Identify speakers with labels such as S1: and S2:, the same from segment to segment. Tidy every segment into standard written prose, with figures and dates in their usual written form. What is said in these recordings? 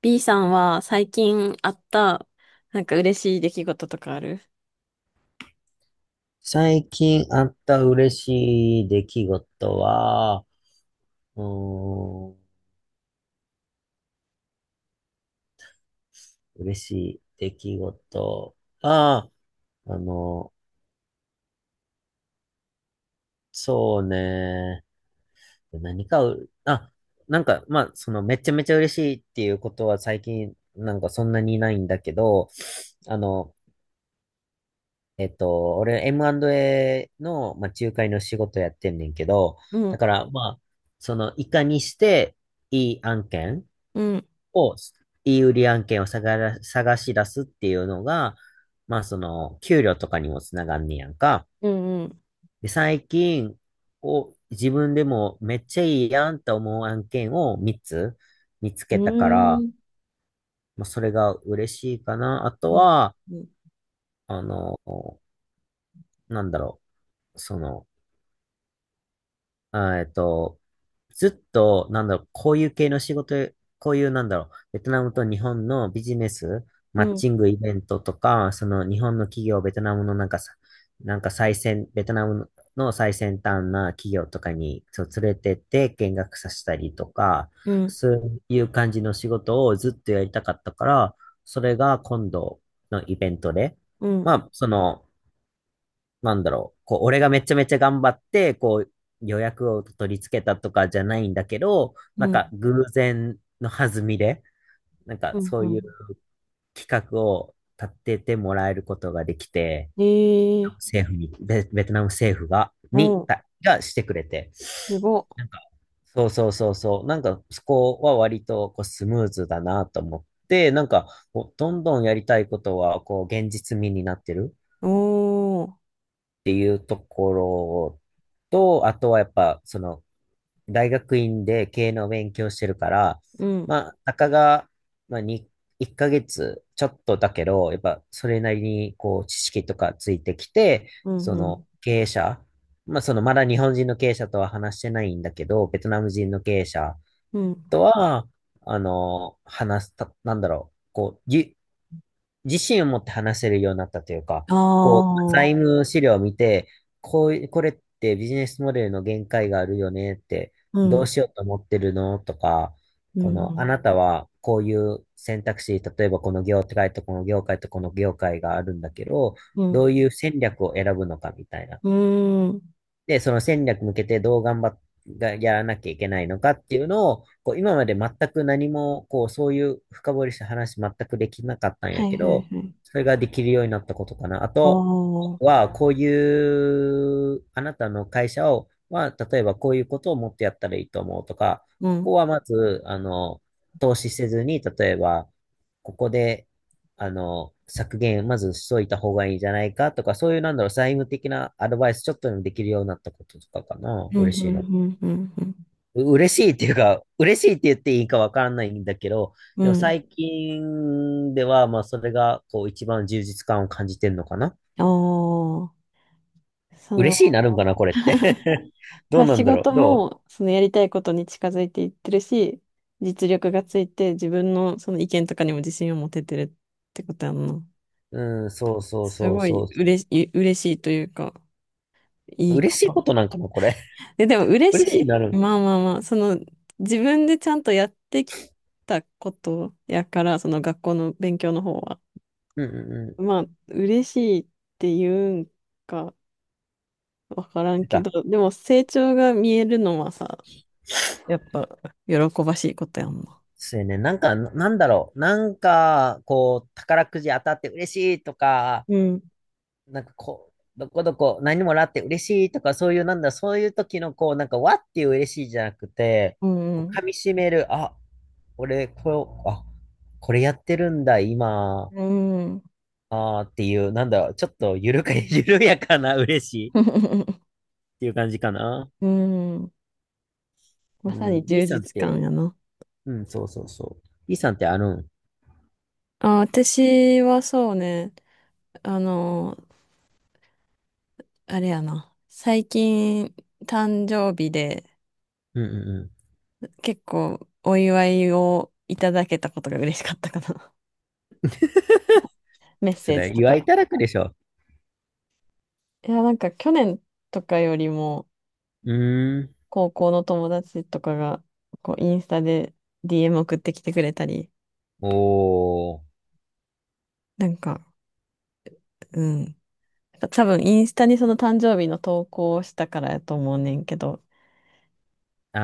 S1: B さんは最近あった、なんか嬉しい出来事とかある？
S2: 最近あった嬉しい出来事は、うーん、嬉しい出来事は、あの、そうね、何かう、あ、めちゃめちゃ嬉しいっていうことは最近、なんかそんなにないんだけど、あの、俺 M&A の、仲介の仕事やってんねんけど、
S1: う
S2: だ
S1: ん、
S2: から、いかにしていい案件、
S1: うん、
S2: を、いい売り案件を探し出すっていうのが、まあその、給料とかにもつながんねやんか。
S1: うん、うん、
S2: で、最近、を自分でもめっちゃいいやんと思う案件を3つ見つ
S1: う
S2: けたから、
S1: ーん。
S2: まあそれが嬉しいかな。あと
S1: うん。
S2: は、
S1: うん
S2: あの、なんだろう、その、あえっと、ずっと、こういう系の仕事、こういう、ベトナムと日本のビジネス、
S1: う
S2: マッ
S1: ん、
S2: チングイベントとか、その日本の企業、ベトナムのなんかさ、なんか最先、ベトナムの最先端な企業とかに、そう連れてって見学させたりとか、
S1: うん
S2: そういう感じの仕事をずっとやりたかったから、それが今度のイベントで、
S1: う
S2: ま
S1: ん
S2: あ、その、俺がめちゃめちゃ頑張って、こう、予約を取り付けたとかじゃないんだけど、
S1: う
S2: なん
S1: ん、う
S2: か
S1: ん、
S2: 偶然の弾みで、なんか
S1: うん。
S2: そう
S1: う
S2: いう
S1: ん。
S2: 企画を立ててもらえることができて、
S1: えー、
S2: 政府に、ベ、ベトナム政府が、に、
S1: おー、
S2: たがしてくれて、
S1: すごっ。
S2: なんか、そうそうそうそう、なんかそこは割とこうスムーズだなと思って、なんか、こうどんどんやりたいことは、こう、現実味になってる。
S1: おー、
S2: っていうところと、あとはやっぱ、その、大学院で経営の勉強してるから、
S1: うん、
S2: まあ、たかが、まあ、に1ヶ月ちょっとだけど、やっぱそれなりにこう知識とかついてきて、
S1: うん、
S2: そ
S1: う
S2: の
S1: ん、
S2: 経営者、まあ、そのまだ日本人の経営者とは話してないんだけど、ベトナム人の経営者
S1: うん、
S2: とは、あの、話すた、なんだろう、こう、ゆ自信を持って話せるようになったというか、
S1: あ
S2: こう、財
S1: ー、
S2: 務資料を見て、こういこれってビジネスモデルの限界があるよねって、
S1: う
S2: どう
S1: ん、
S2: しようと思ってるのとか、
S1: うん、
S2: こ
S1: う
S2: の、あ
S1: ん、
S2: なたはこういう選択肢、例えばこの業界とこの業界とこの業界があるんだけど、
S1: う
S2: ど
S1: ん、
S2: ういう戦略を選ぶのかみたいな。
S1: うん、
S2: で、その戦略向けてどう頑張っがやらなきゃいけないのかっていうのを、こう今まで全く何も、こう、そういう深掘りした話全くできなかったんや
S1: はい
S2: け
S1: はい
S2: ど、
S1: はい。
S2: それができるようになったことかな。あ
S1: お
S2: と
S1: ー、
S2: は、こういう、あなたの会社を、まあ、例えばこういうことをもっとやったらいいと思うとか、
S1: うん、
S2: こ
S1: う
S2: こ
S1: ん、
S2: はまず、投資せずに、例えば、ここで、削減、まずしといた方がいいんじゃないかとか、そういう、財務的なアドバイスちょっとでもできるようになったこととかかな、
S1: うん、
S2: 嬉し
S1: う
S2: いの。
S1: ん、うん、う
S2: 嬉しいっていうか、嬉しいって言っていいかわからないんだけど、
S1: ん、
S2: で
S1: う
S2: も
S1: ん、
S2: 最近では、まあ、それが、こう、一番充実感を感じてんのかな。
S1: おー、そ
S2: 嬉しいに
S1: う。
S2: なるんかな、これって。ど
S1: ま
S2: う
S1: あ
S2: な
S1: 仕
S2: んだろう、
S1: 事もそのやりたいことに近づいていってるし、実力がついて自分のその意見とかにも自信を持ててるってことやんな。
S2: うん、そうそう
S1: す
S2: そう
S1: ごい
S2: そ
S1: 嬉しい、嬉しいというか、い
S2: う。
S1: い
S2: 嬉
S1: こ
S2: しいこ
S1: と。
S2: となんかな、これ。
S1: で、でも 嬉し
S2: 嬉しいになる
S1: い。
S2: ん。
S1: まあまあまあ、その自分でちゃんとやってきたことやから、その学校の勉強の方は。
S2: うんうんうん。
S1: まあ、嬉しいっていうんかわからん
S2: なん
S1: け
S2: か、
S1: ど、でも成長が見えるのはさ、やっぱ喜ばしいことやんな。
S2: そうやね。なんだろう。なんか、こう、宝くじ当たって嬉しいとか、
S1: うん
S2: なんかこう、どこどこ何もらって嬉しいとか、そういう、なんだ、そういう時の、こう、なんか、わっていう嬉しいじゃなくて、
S1: う
S2: こう、
S1: ん
S2: 噛み締める、あ、俺、こう、あ、これやってるんだ、今、
S1: うん。
S2: あーっていう、なんだろう、ちょっと、ゆるか、緩やかな嬉しいっ
S1: うん。
S2: ていう感じかな。う
S1: まさに
S2: ん。B
S1: 充
S2: さんっ
S1: 実
S2: て、
S1: 感やな。
S2: うん、そうそうそう。B さんってあるん。
S1: あ、私はそうね、あの、あれやな。最近、誕生日で
S2: うんうんうん。
S1: 結構お祝いをいただけたことが嬉しかったかな。メッ
S2: そ
S1: セージ
S2: れ、
S1: と
S2: 祝い
S1: か。
S2: ただくでしょ。
S1: いや、なんか去年とかよりも、
S2: うーん。
S1: 高校の友達とかが、こう、インスタで DM 送ってきてくれたり、
S2: おー。
S1: なんか、うん。多分インスタにその誕生日の投稿をしたからやと思うねんけど、
S2: あ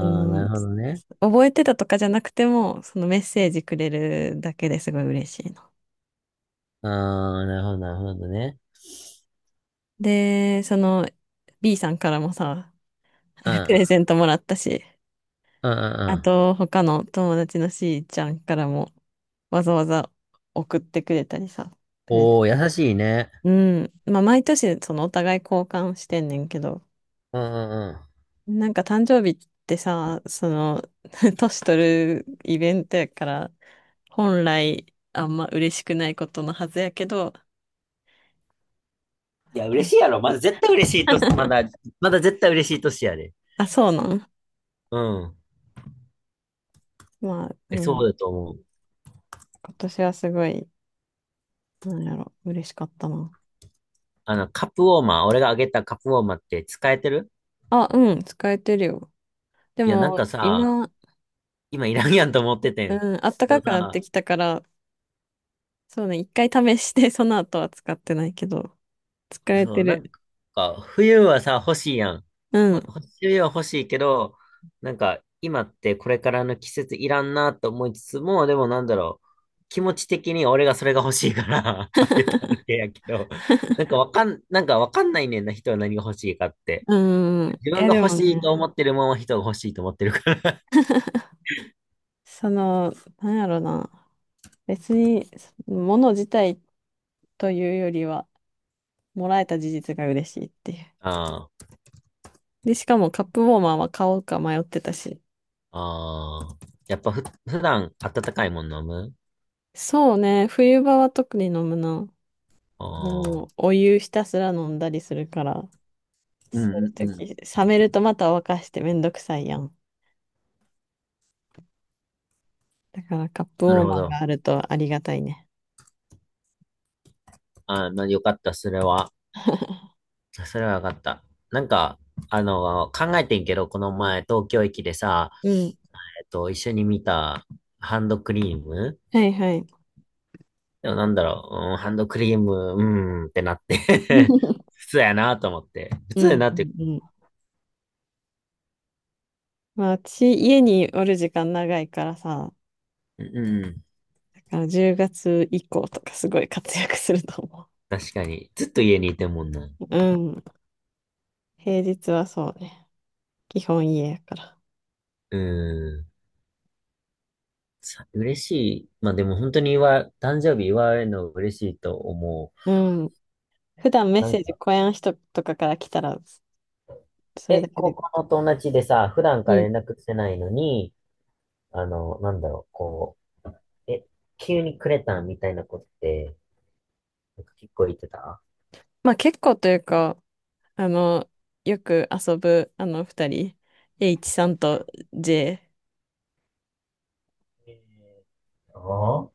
S1: あ
S2: ー、な
S1: の、
S2: るほどね。
S1: 覚えてたとかじゃなくても、そのメッセージくれるだけですごい嬉しいの。
S2: あー、なるほど、なるほどね。
S1: で、その B さんからもさ、
S2: う
S1: プ
S2: ん。
S1: レゼントもらったし、
S2: うんうんう
S1: あ
S2: ん。
S1: と他の友達の C ちゃんからもわざわざ送ってくれたりさ。プレゼント、
S2: おー、優しいね。
S1: うん。まあ毎年そのお互い交換してんねんけど、
S2: うんうんう
S1: なんか誕生日ってさ、その、年取るイベントやから、本来あんま嬉しくないことのはずやけど、
S2: ん。いや、
S1: う
S2: 嬉
S1: ん、
S2: しいやろ。まだ絶対嬉しいと、まだ、まだ絶対嬉しい年やで。
S1: あ、そうなん、
S2: うん。
S1: まあ、
S2: え、
S1: う
S2: そう
S1: ん。
S2: だと思う。
S1: 今年はすごい、なんやろ、嬉しかったな。
S2: あの、カップウォーマー、俺があげたカップウォーマーって使えてる。
S1: あ、うん、使えてるよ。で
S2: いや、なん
S1: も、
S2: かさ、
S1: 今、
S2: 今いらんやんと思っててん。
S1: うん、暖
S2: け
S1: か
S2: ど
S1: くなっ
S2: さ、
S1: てきたから、そうね、一回試して、その後は使ってないけど、使え
S2: そ
S1: て
S2: う、なん
S1: る。
S2: か、冬はさ、欲しいやん。
S1: うん、
S2: 冬は欲しいけど、なんか、今ってこれからの季節いらんなと思いつつも、でもなんだろう、気持ち的に俺がそれが欲しいから あげただけやけど、なんかわかんないねんな、人は何が欲しいかって。
S1: うん。い
S2: 自分
S1: や、
S2: が
S1: で
S2: 欲
S1: も
S2: し
S1: ね、
S2: いと思ってるもんは人が欲しいと思ってるから。
S1: その、なんやろな。別に、物自体というよりは、もらえた事実が嬉しいっていう。
S2: あ
S1: で、しかもカップウォーマーは買おうか迷ってたし。
S2: あ、ああ。やっぱふ、普段温かいもん飲む。
S1: そうね、冬場は特に飲むな。
S2: ああ、
S1: もう、お湯ひたすら飲んだりするから、
S2: う
S1: そうい
S2: んうんうん。
S1: う時、冷めるとまた沸かしてめんどくさいやん。だからカップウ
S2: な
S1: ォ
S2: る
S1: ー
S2: ほ
S1: マー
S2: ど。
S1: があるとありがたいね。
S2: ああ、まあよかった、それは。あ、それは分かった。なんか、あの、考えてんけど、この前、東京駅でさ、
S1: うん。
S2: えっと、一緒に見たハンドクリーム。
S1: はいはい。
S2: でもなんだろう、うん、ハンドクリーム、うーんってなって 普通やなと思って。普
S1: う
S2: 通
S1: ん
S2: やなっ
S1: う
S2: て、
S1: んうん。まあ、私、家におる時間長いからさ、
S2: うん、
S1: だから10月以降とかすごい活躍すると思う。
S2: 確かに。ずっと家にいてんもんな。
S1: うん。平日はそうね。基本家やから。
S2: うん。嬉しい。まあでも本当に祝い、誕生日祝われるの嬉しいと思
S1: う
S2: う。
S1: ん。普段メッ
S2: な
S1: セ
S2: ん
S1: ージ、
S2: か、
S1: 小屋の人とかから来たら、それだ
S2: え、
S1: け
S2: 高
S1: で。
S2: 校の友達でさ、普段
S1: う
S2: から
S1: ん。
S2: 連絡してないのに、あの、う、え、急にくれたんみたいなことって、なんか結構言ってた。
S1: まあ結構というか、あの、よく遊ぶ、あの、二人、H さんと J。
S2: えーと、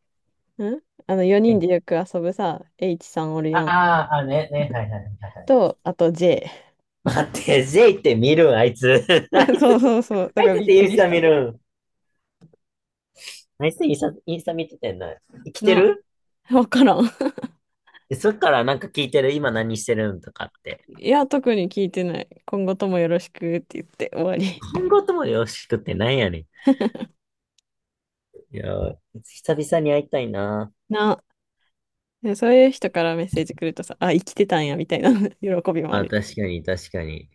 S1: ん、あの、四人
S2: え、
S1: でよく遊ぶさ、H さんおるやん。
S2: あーあ、はいはい。
S1: と、あと J。
S2: 待って、J って見るん、あいつ。あ い
S1: そう
S2: つ、
S1: そうそう。
S2: あ
S1: だ
S2: い
S1: から
S2: つっ
S1: びっ
S2: てイ
S1: く
S2: ンス
S1: りし
S2: タ見
S1: た。
S2: るん。あいつインスタ、インスタ見ててんな。生きて
S1: な、
S2: る。
S1: わからん。
S2: でそっからなんか聞いてる、今何してるんとかって。
S1: いや、特に聞いてない。今後ともよろしくって言って終わり。
S2: 今後ともよろしくってなんやねん。いやー、久々に会いたいな。
S1: な。でそういう人からメッセージ来るとさ、あ、生きてたんや、みたいな 喜びもあ
S2: あ、
S1: る。
S2: 確かに、確かに。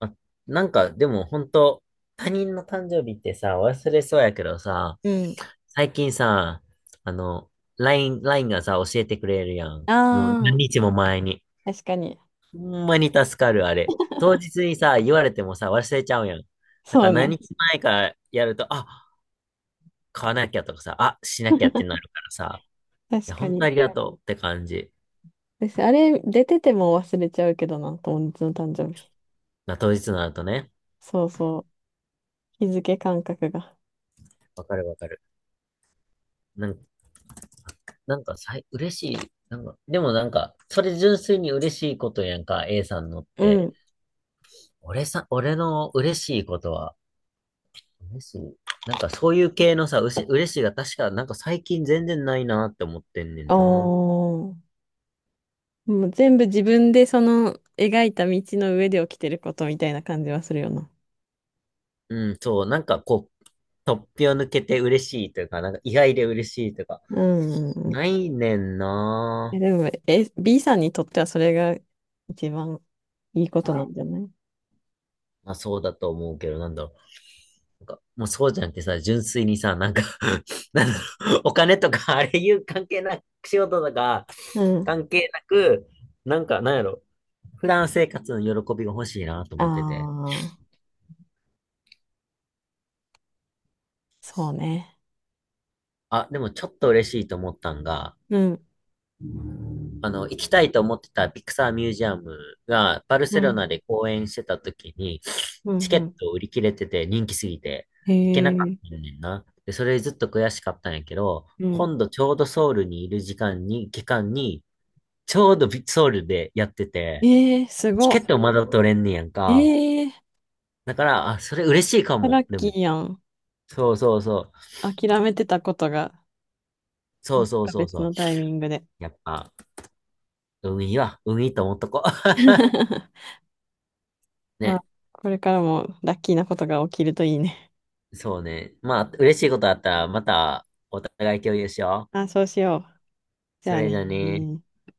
S2: あ、なんか、でも本当他人の誕生日ってさ、忘れそうやけどさ、
S1: うん。
S2: 最近さ、あの、ラインがさ、教えてくれるやん。の
S1: あ
S2: 何
S1: あ、
S2: 日も前に。
S1: 確かに。
S2: ほんまに助かる、あれ。当日にさ、言われてもさ、忘れちゃうやん。だか
S1: そ
S2: ら
S1: う
S2: 何
S1: ね。
S2: 日前からやると、あ、買わなきゃとかさ、あ、しなきゃってなるからさ、い
S1: 確
S2: や、
S1: か
S2: 本当
S1: に。
S2: ありがとうって感じ。
S1: 私、あれ、出てても忘れちゃうけどな、友達の誕生日。
S2: まあ、当日になるとね。
S1: そうそう。日付感覚が。
S2: わかるわかる。なんかなんかさい、嬉しい。なんか、でもなんか、それ純粋に嬉しいことやんか、A さんのっ
S1: う
S2: て。
S1: ん。
S2: 俺さ、俺の嬉しいことは、嬉しい。なんかそういう系のさ、嬉しいが確か、なんか最近全然ないなって思ってんねん
S1: お
S2: な。
S1: ー。もう全部自分でその描いた道の上で起きてることみたいな感じはするよな。
S2: うん、そう、なんかこう、突飛を抜けて嬉しいというか、なんか意外で嬉しいというか、
S1: うんうんうん。
S2: ないねん
S1: え、
S2: な。
S1: でも、え、B さんにとってはそれが一番いいことなんじゃない？
S2: まあそうだと思うけど、なんだろう。なんか、もうそうじゃなくてさ、純粋にさ、なんか なんだろう、お金とか、あれいう関係なく、仕事とか、
S1: うん。
S2: 関係なく、なんか、なんやろ、普段生活の喜びが欲しいなと
S1: あ
S2: 思ってて。
S1: あ。そうね。
S2: あ、でもちょっと嬉しいと思ったんが、
S1: うん、
S2: あの、行きたいと思ってたピクサーミュージアムが、バル
S1: う
S2: セロ
S1: ん、
S2: ナで公演してた時に、
S1: う
S2: チ
S1: ん、う
S2: ケッ
S1: ん。
S2: ト売り切れてて人気すぎて、
S1: へ
S2: 行けなかっ
S1: え、
S2: たんねんな。で、それずっと悔しかったんやけど、
S1: うん。
S2: 今度ちょうどソウルにいる時間に、期間に、ちょうどソウルでやってて、
S1: ええ、す
S2: チ
S1: ごっ。
S2: ケットまだ取れんねやんか。
S1: ええ、
S2: だから、あ、それ嬉しいか
S1: ラ
S2: も。
S1: ッ
S2: で
S1: キ
S2: も、
S1: ーやん。
S2: そうそうそう。
S1: 諦めてたことが、
S2: そ
S1: ま
S2: う
S1: さ
S2: そう
S1: か
S2: そう
S1: 別
S2: そう。
S1: のタイミングで。
S2: やっぱ、海は、海と思っとこう。
S1: ま
S2: ね。
S1: あ、これからもラッキーなことが起きるといいね。
S2: そうね。まあ、嬉しいことあったら、また、お互い共有しよ
S1: あ、そうしよう。
S2: う。
S1: じ
S2: そ
S1: ゃあ
S2: れ
S1: ね。
S2: じゃね。